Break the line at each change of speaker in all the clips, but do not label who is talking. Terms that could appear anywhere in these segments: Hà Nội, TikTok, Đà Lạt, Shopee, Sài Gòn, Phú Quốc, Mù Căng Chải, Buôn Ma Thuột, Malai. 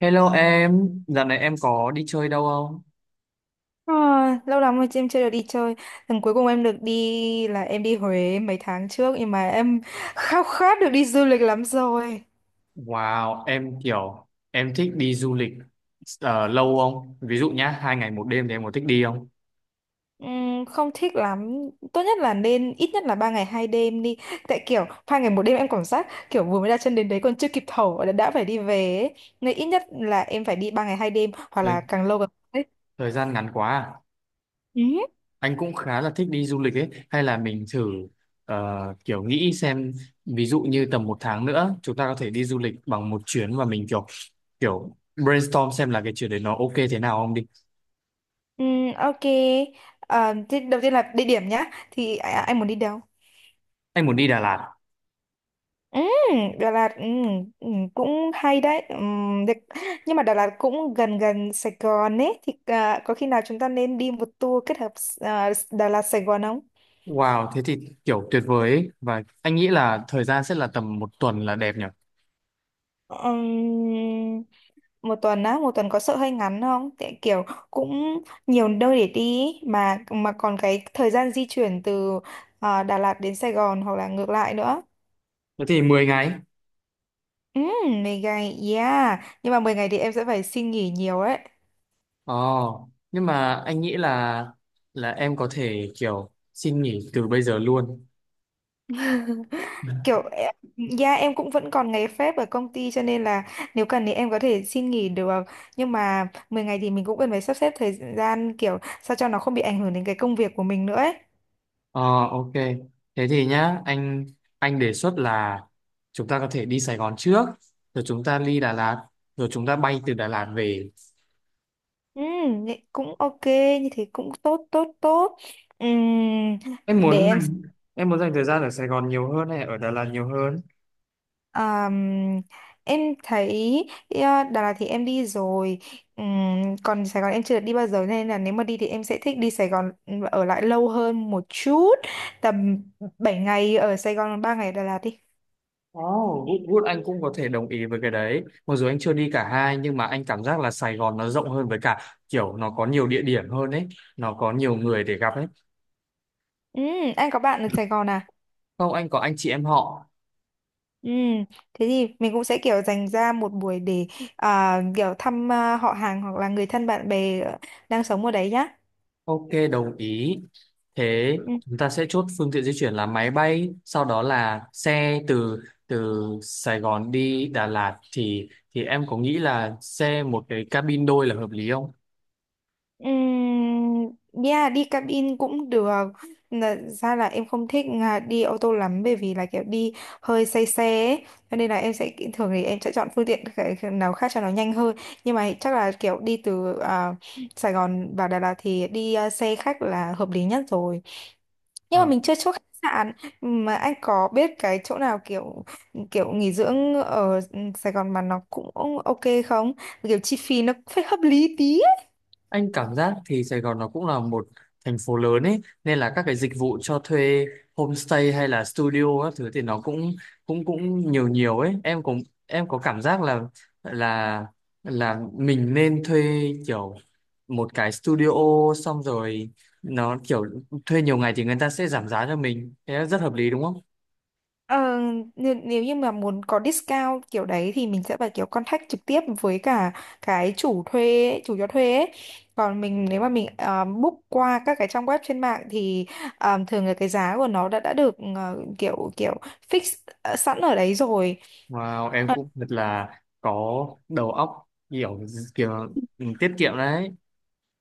Hello em, dạo này em có đi chơi đâu không?
À, lâu lắm rồi chị em chưa được đi chơi. Lần cuối cùng em được đi là em đi Huế mấy tháng trước nhưng mà em khao khát được đi du lịch lắm rồi.
Wow, em kiểu em thích đi du lịch lâu không? Ví dụ nhá, 2 ngày một đêm thì em có thích đi không?
Không thích lắm. Tốt nhất là nên ít nhất là 3 ngày 2 đêm đi. Tại kiểu 3 ngày 1 đêm em cảm giác kiểu vừa mới đặt chân đến đấy còn chưa kịp thở đã phải đi về ấy. Nên ít nhất là em phải đi 3 ngày 2 đêm hoặc
Thời,
là càng lâu càng tốt ấy.
thời gian ngắn quá à.
Ừ.
Anh cũng khá là thích đi du lịch ấy. Hay là mình thử ờ, kiểu nghĩ xem, ví dụ như tầm một tháng nữa chúng ta có thể đi du lịch bằng một chuyến và mình kiểu kiểu brainstorm xem là cái chuyến đấy nó ok thế nào không đi.
Ok. À, thế đầu tiên là địa điểm nhá. Thì anh muốn đi đâu?
Anh muốn đi Đà Lạt.
Ừ, Đà Lạt. Ừ, ừ, cũng hay đấy. Được. Nhưng mà Đà Lạt cũng gần gần Sài Gòn ấy thì có khi nào chúng ta nên đi một tour kết hợp Đà Lạt Sài Gòn không?
Wow, thế thì kiểu tuyệt vời ấy. Và anh nghĩ là thời gian sẽ là tầm một tuần là đẹp nhỉ?
Ừm, một tuần á, một tuần có sợ hơi ngắn không? Tại kiểu cũng nhiều nơi để đi ý, mà còn cái thời gian di chuyển từ Đà Lạt đến Sài Gòn hoặc là ngược lại nữa.
Thế thì 10 ngày.
Ừ, 10 ngày, yeah. Nhưng mà 10 ngày thì em sẽ phải xin nghỉ nhiều đấy.
Ồ, nhưng mà anh nghĩ là em có thể kiểu xin nghỉ từ bây giờ luôn.
kiểu em- dạ em cũng vẫn còn ngày phép ở công ty cho nên là nếu cần thì em có thể xin nghỉ được, nhưng mà 10 ngày thì mình cũng cần phải sắp xếp thời gian kiểu sao cho nó không bị ảnh hưởng đến cái công việc của mình nữa ấy.
Ờ, ok. Thế thì nhá, anh đề xuất là chúng ta có thể đi Sài Gòn trước, rồi chúng ta đi Đà Lạt, rồi chúng ta bay từ Đà Lạt về.
Ừ, cũng ok, như thế cũng tốt tốt tốt. Ừm,
Em
để
muốn
em.
dành em muốn dành thời gian ở Sài Gòn nhiều hơn hay ở Đà Lạt nhiều hơn?
Ờm, em thấy ờ, Đà Lạt thì em đi rồi. Còn Sài Gòn em chưa được đi bao giờ nên là nếu mà đi thì em sẽ thích đi Sài Gòn và ở lại lâu hơn một chút, tầm 7 ngày ở Sài Gòn, 3 ngày ở Đà Lạt đi.
Oh, good, good. Anh cũng có thể đồng ý với cái đấy. Mặc dù anh chưa đi cả hai nhưng mà anh cảm giác là Sài Gòn nó rộng hơn, với cả kiểu nó có nhiều địa điểm hơn ấy, nó có nhiều người để gặp ấy.
Ừm, anh có bạn ở Sài Gòn à?
Không, anh có anh chị em họ.
Ừm, thế thì mình cũng sẽ kiểu dành ra một buổi để kiểu thăm họ hàng hoặc là người thân bạn bè đang sống ở đấy nhá.
Ok, đồng ý. Thế chúng ta sẽ chốt phương tiện di chuyển là máy bay, sau đó là xe từ từ Sài Gòn đi Đà Lạt thì em có nghĩ là xe một cái cabin đôi là hợp lý không?
Yeah, đi cabin cũng được. Ra là em không thích đi ô tô lắm bởi vì là kiểu đi hơi say xe ấy. Cho nên là em sẽ thường thì em sẽ chọn phương tiện cái nào khác cho nó nhanh hơn. Nhưng mà chắc là kiểu đi từ Sài Gòn vào Đà Lạt thì đi xe khách là hợp lý nhất rồi. Nhưng mà
Ờ.
mình chưa chốt khách sạn, mà anh có biết cái chỗ nào kiểu kiểu nghỉ dưỡng ở Sài Gòn mà nó cũng ok không? Kiểu chi phí nó phải hợp lý tí.
Anh cảm giác thì Sài Gòn nó cũng là một thành phố lớn ấy nên là các cái dịch vụ cho thuê homestay hay là studio các thứ thì nó cũng cũng cũng nhiều nhiều ấy, em cũng em có cảm giác là là là mình nên thuê kiểu một cái studio, xong rồi nó kiểu thuê nhiều ngày thì người ta sẽ giảm giá cho mình, thế là rất hợp lý đúng không?
Ờ, nếu như mà muốn có discount kiểu đấy thì mình sẽ phải kiểu contact trực tiếp với cả cái chủ thuê ấy, chủ cho thuê ấy. Còn mình nếu mà mình book qua các cái trang web trên mạng thì thường là cái giá của nó đã được kiểu kiểu fix sẵn ở đấy rồi. Ờ.
Wow, em cũng thật là có đầu óc kiểu kiểu tiết kiệm đấy.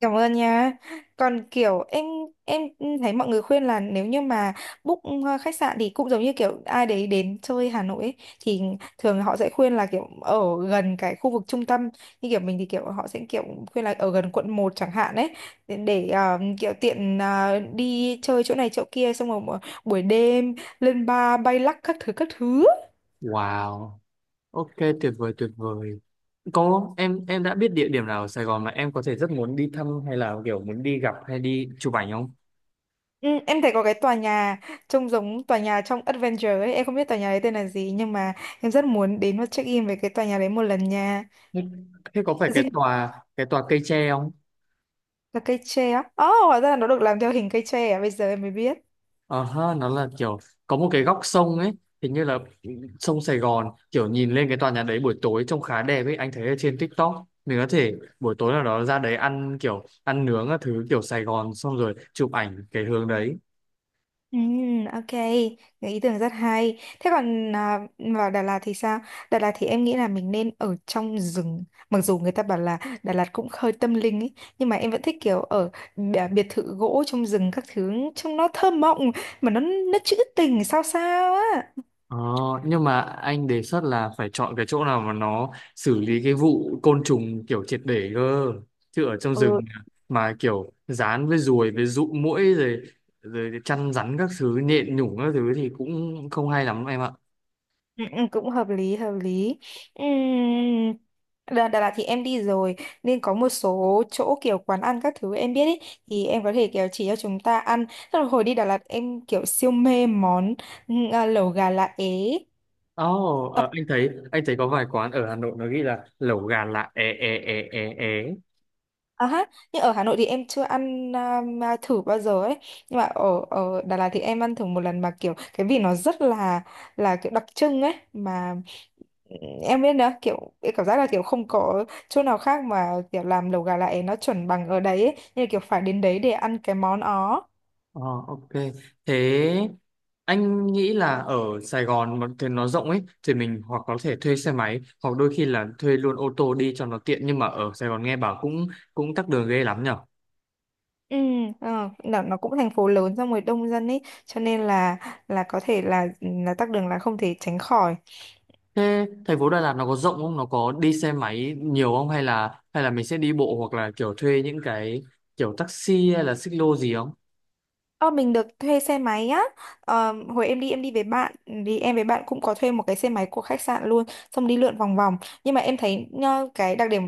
Cảm ơn nha. Còn kiểu em thấy mọi người khuyên là nếu như mà book khách sạn thì cũng giống như kiểu ai đấy đến chơi Hà Nội ấy, thì thường họ sẽ khuyên là kiểu ở gần cái khu vực trung tâm, như kiểu mình thì kiểu họ sẽ kiểu khuyên là ở gần quận 1 chẳng hạn ấy, để kiểu tiện đi chơi chỗ này chỗ kia xong rồi buổi đêm lên bar bay lắc các thứ các thứ.
Wow, ok, tuyệt vời tuyệt vời. Có, em đã biết địa điểm nào ở Sài Gòn mà em có thể rất muốn đi thăm hay là kiểu muốn đi gặp hay đi chụp ảnh không?
Ừ, em thấy có cái tòa nhà trông giống tòa nhà trong Adventure ấy, em không biết tòa nhà đấy tên là gì nhưng mà em rất muốn đến và check in về cái tòa nhà đấy một lần nha.
Thế thế có phải cái
Dinh
tòa cái tòa cây tre không?
là cây tre á. Ồ, oh, hóa ra là nó được làm theo hình cây tre à, bây giờ em mới biết.
Ờ ha, nó là kiểu có một cái góc sông ấy, hình như là sông Sài Gòn, kiểu nhìn lên cái tòa nhà đấy buổi tối trông khá đẹp ấy, anh thấy ở trên TikTok. Mình có thể buổi tối nào đó ra đấy ăn kiểu ăn nướng các thứ kiểu Sài Gòn xong rồi chụp ảnh cái hướng đấy.
Ừ, ok, cái ý tưởng rất hay. Thế còn vào Đà Lạt thì sao? Đà Lạt thì em nghĩ là mình nên ở trong rừng. Mặc dù người ta bảo là Đà Lạt cũng hơi tâm linh ấy, nhưng mà em vẫn thích kiểu ở biệt thự gỗ trong rừng các thứ, trông nó thơ mộng mà nó trữ tình sao sao á.
Ờ, nhưng mà anh đề xuất là phải chọn cái chỗ nào mà nó xử lý cái vụ côn trùng kiểu triệt để cơ, chứ ở trong
Ừ,
rừng mà kiểu dán với ruồi với dụ muỗi rồi rồi chăn rắn các thứ nhện nhủng các thứ thì cũng không hay lắm em ạ.
ừ, ừ, cũng hợp lý hợp lý. Ừm, Đà Lạt thì em đi rồi nên có một số chỗ kiểu quán ăn các thứ em biết ý, thì em có thể kiểu chỉ cho chúng ta ăn. Tức là hồi đi Đà Lạt em kiểu siêu mê món lẩu gà lá é.
Ồ,
Ờ.
anh thấy có vài quán ở Hà Nội nó ghi là lẩu gà lạ é é é é é.
À, ha. Nhưng ở Hà Nội thì em chưa ăn mà thử bao giờ ấy, nhưng mà ở ở Đà Lạt thì em ăn thử một lần mà kiểu cái vị nó rất là kiểu đặc trưng ấy mà, em biết đó kiểu em cảm giác là kiểu không có chỗ nào khác mà kiểu làm lẩu gà lại nó chuẩn bằng ở đấy ấy. Như là kiểu phải đến đấy để ăn cái món đó.
Ờ, ok. Thế anh nghĩ là ở Sài Gòn mà thì nó rộng ấy thì mình hoặc có thể thuê xe máy hoặc đôi khi là thuê luôn ô tô đi cho nó tiện, nhưng mà ở Sài Gòn nghe bảo cũng cũng tắc đường ghê lắm nhở.
Ừ. Nó cũng thành phố lớn xong rồi đông dân ấy cho nên là có thể là là tắc đường là không thể tránh khỏi.
Thế thành phố Đà Lạt nó có rộng không? Nó có đi xe máy nhiều không, hay là mình sẽ đi bộ hoặc là kiểu thuê những cái kiểu taxi hay là xích lô gì không?
Ờ, mình được thuê xe máy á. Ờ, hồi em đi với bạn thì em với bạn cũng có thuê một cái xe máy của khách sạn luôn, xong đi lượn vòng vòng. Nhưng mà em thấy cái đặc điểm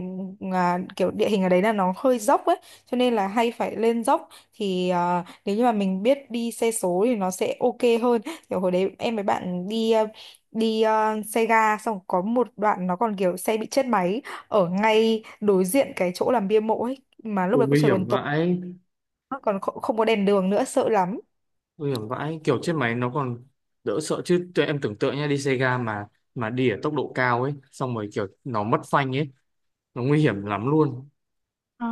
kiểu địa hình ở đấy là nó hơi dốc ấy cho nên là hay phải lên dốc thì nếu như mà mình biết đi xe số thì nó sẽ ok hơn. Kiểu hồi đấy em với bạn đi đi xe ga xong có một đoạn nó còn kiểu xe bị chết máy ở ngay đối diện cái chỗ làm bia mộ ấy, mà
Ừ,
lúc đấy cũng
nguy
trời
hiểm
còn tối,
vãi.
còn không không có đèn đường nữa, sợ lắm.
Nguy hiểm vãi, kiểu chết máy nó còn đỡ sợ, chứ tụi em tưởng tượng nha, đi xe ga mà đi ở tốc độ cao ấy xong rồi kiểu nó mất phanh ấy, nó nguy hiểm lắm luôn.
Ờ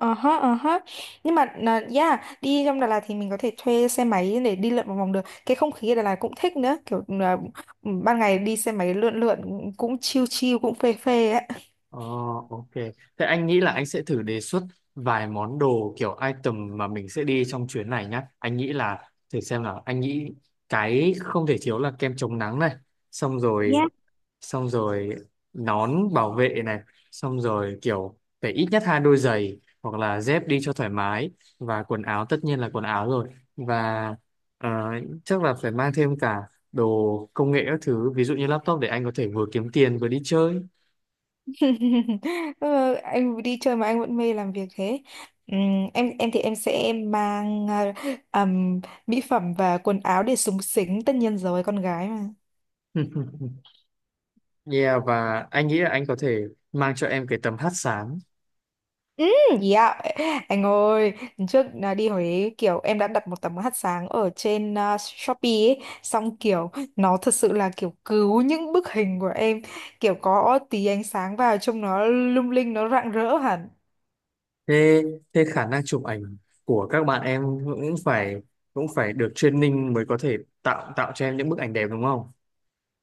ờ hớ, ờ hớ. Nhưng mà là yeah, đi trong Đà Lạt thì mình có thể thuê xe máy để đi lượn một vòng được. Cái không khí ở Đà Lạt cũng thích nữa, kiểu là ban ngày đi xe máy lượn lượn cũng chill chill cũng phê phê á.
ờ, ok, thế anh nghĩ là anh sẽ thử đề xuất vài món đồ kiểu item mà mình sẽ đi trong chuyến này nhá. Anh nghĩ là thử xem, là anh nghĩ cái không thể thiếu là kem chống nắng này, xong rồi
Yeah.
xong rồi nón bảo vệ này, xong rồi kiểu phải ít nhất hai đôi giày hoặc là dép đi cho thoải mái, và quần áo tất nhiên là quần áo rồi, và ờ, chắc là phải mang thêm cả đồ công nghệ các thứ, ví dụ như laptop để anh có thể vừa kiếm tiền vừa đi chơi.
Ờ, anh đi chơi mà anh vẫn mê làm việc thế. Ừm, em thì em sẽ mang ừm, mỹ phẩm và quần áo để xúng xính, tất nhiên rồi con gái mà.
Yeah, và anh nghĩ là anh có thể mang cho em cái tấm hắt sáng.
Ừ, gì? Anh ơi, lần trước đi Huế kiểu em đã đặt một tấm hạt sáng ở trên Shopee ấy, xong kiểu nó thật sự là kiểu cứu những bức hình của em, kiểu có tí ánh sáng vào trông nó lung linh, nó rạng rỡ hẳn.
Thế thế khả năng chụp ảnh của các bạn em cũng phải được training mới có thể tạo tạo cho em những bức ảnh đẹp đúng không?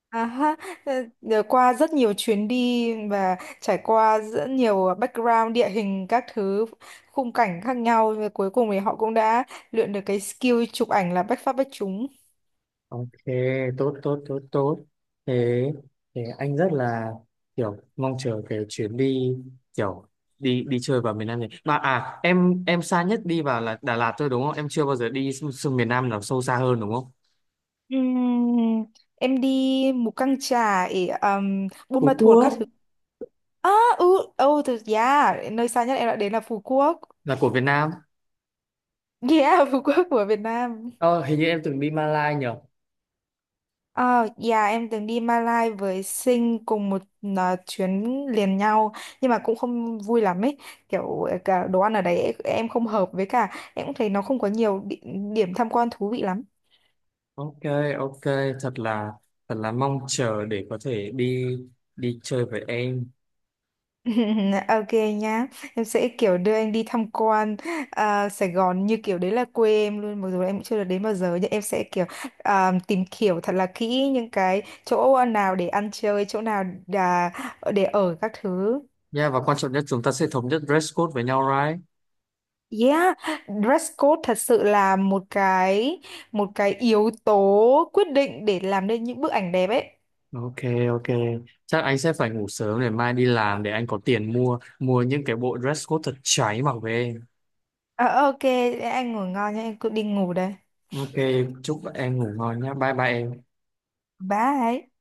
À ha, ờ, nhờ qua rất nhiều chuyến đi và trải qua rất nhiều background địa hình các thứ, khung cảnh khác nhau, và cuối cùng thì họ cũng đã luyện được cái skill chụp ảnh là bách phát bách trúng.
Ok, tốt tốt tốt tốt. Thế thế anh rất là kiểu mong chờ cái chuyến đi kiểu đi đi chơi vào miền Nam này. Mà em xa nhất đi vào là Đà Lạt thôi đúng không? Em chưa bao giờ đi xuống miền Nam nào sâu xa hơn đúng không?
Ừm, em đi Mù Căng Chải, Buôn Ma
Phú
Thuột các
Quốc
thứ. À, ừ, oh, yeah, nơi xa nhất em đã đến là Phú Quốc.
là của Việt Nam.
Yeah, Phú Quốc của Việt Nam.
Ờ, hình như em từng đi Malai nhỉ?
Ờ, dạ em từng đi Malai với Sinh cùng một chuyến liền nhau, nhưng mà cũng không vui lắm ấy, kiểu cả đồ ăn ở đấy em không hợp với cả em cũng thấy nó không có nhiều địa, điểm tham quan thú vị lắm.
Ok, ok, thật là thật là mong chờ để có thể đi đi chơi với em.
Ok nhá, em sẽ kiểu đưa anh đi tham quan Sài Gòn như kiểu đấy là quê em luôn. Mặc dù em cũng chưa được đến bao giờ nhưng em sẽ kiểu tìm hiểu thật là kỹ những cái chỗ nào để ăn chơi, chỗ nào để ở các thứ.
Nha, và quan trọng nhất chúng ta sẽ thống nhất dress code với nhau, right?
Yeah, dress code thật sự là một cái yếu tố quyết định để làm nên những bức ảnh đẹp ấy.
Ok, ok, chắc anh sẽ phải ngủ sớm để mai đi làm, để anh có tiền mua mua những cái bộ dress code thật cháy mặc về.
Ờ, ok, anh ngủ ngon nhá, em cứ đi ngủ đây.
Ok, chúc em ngủ ngon nhé. Bye bye em.
Bye.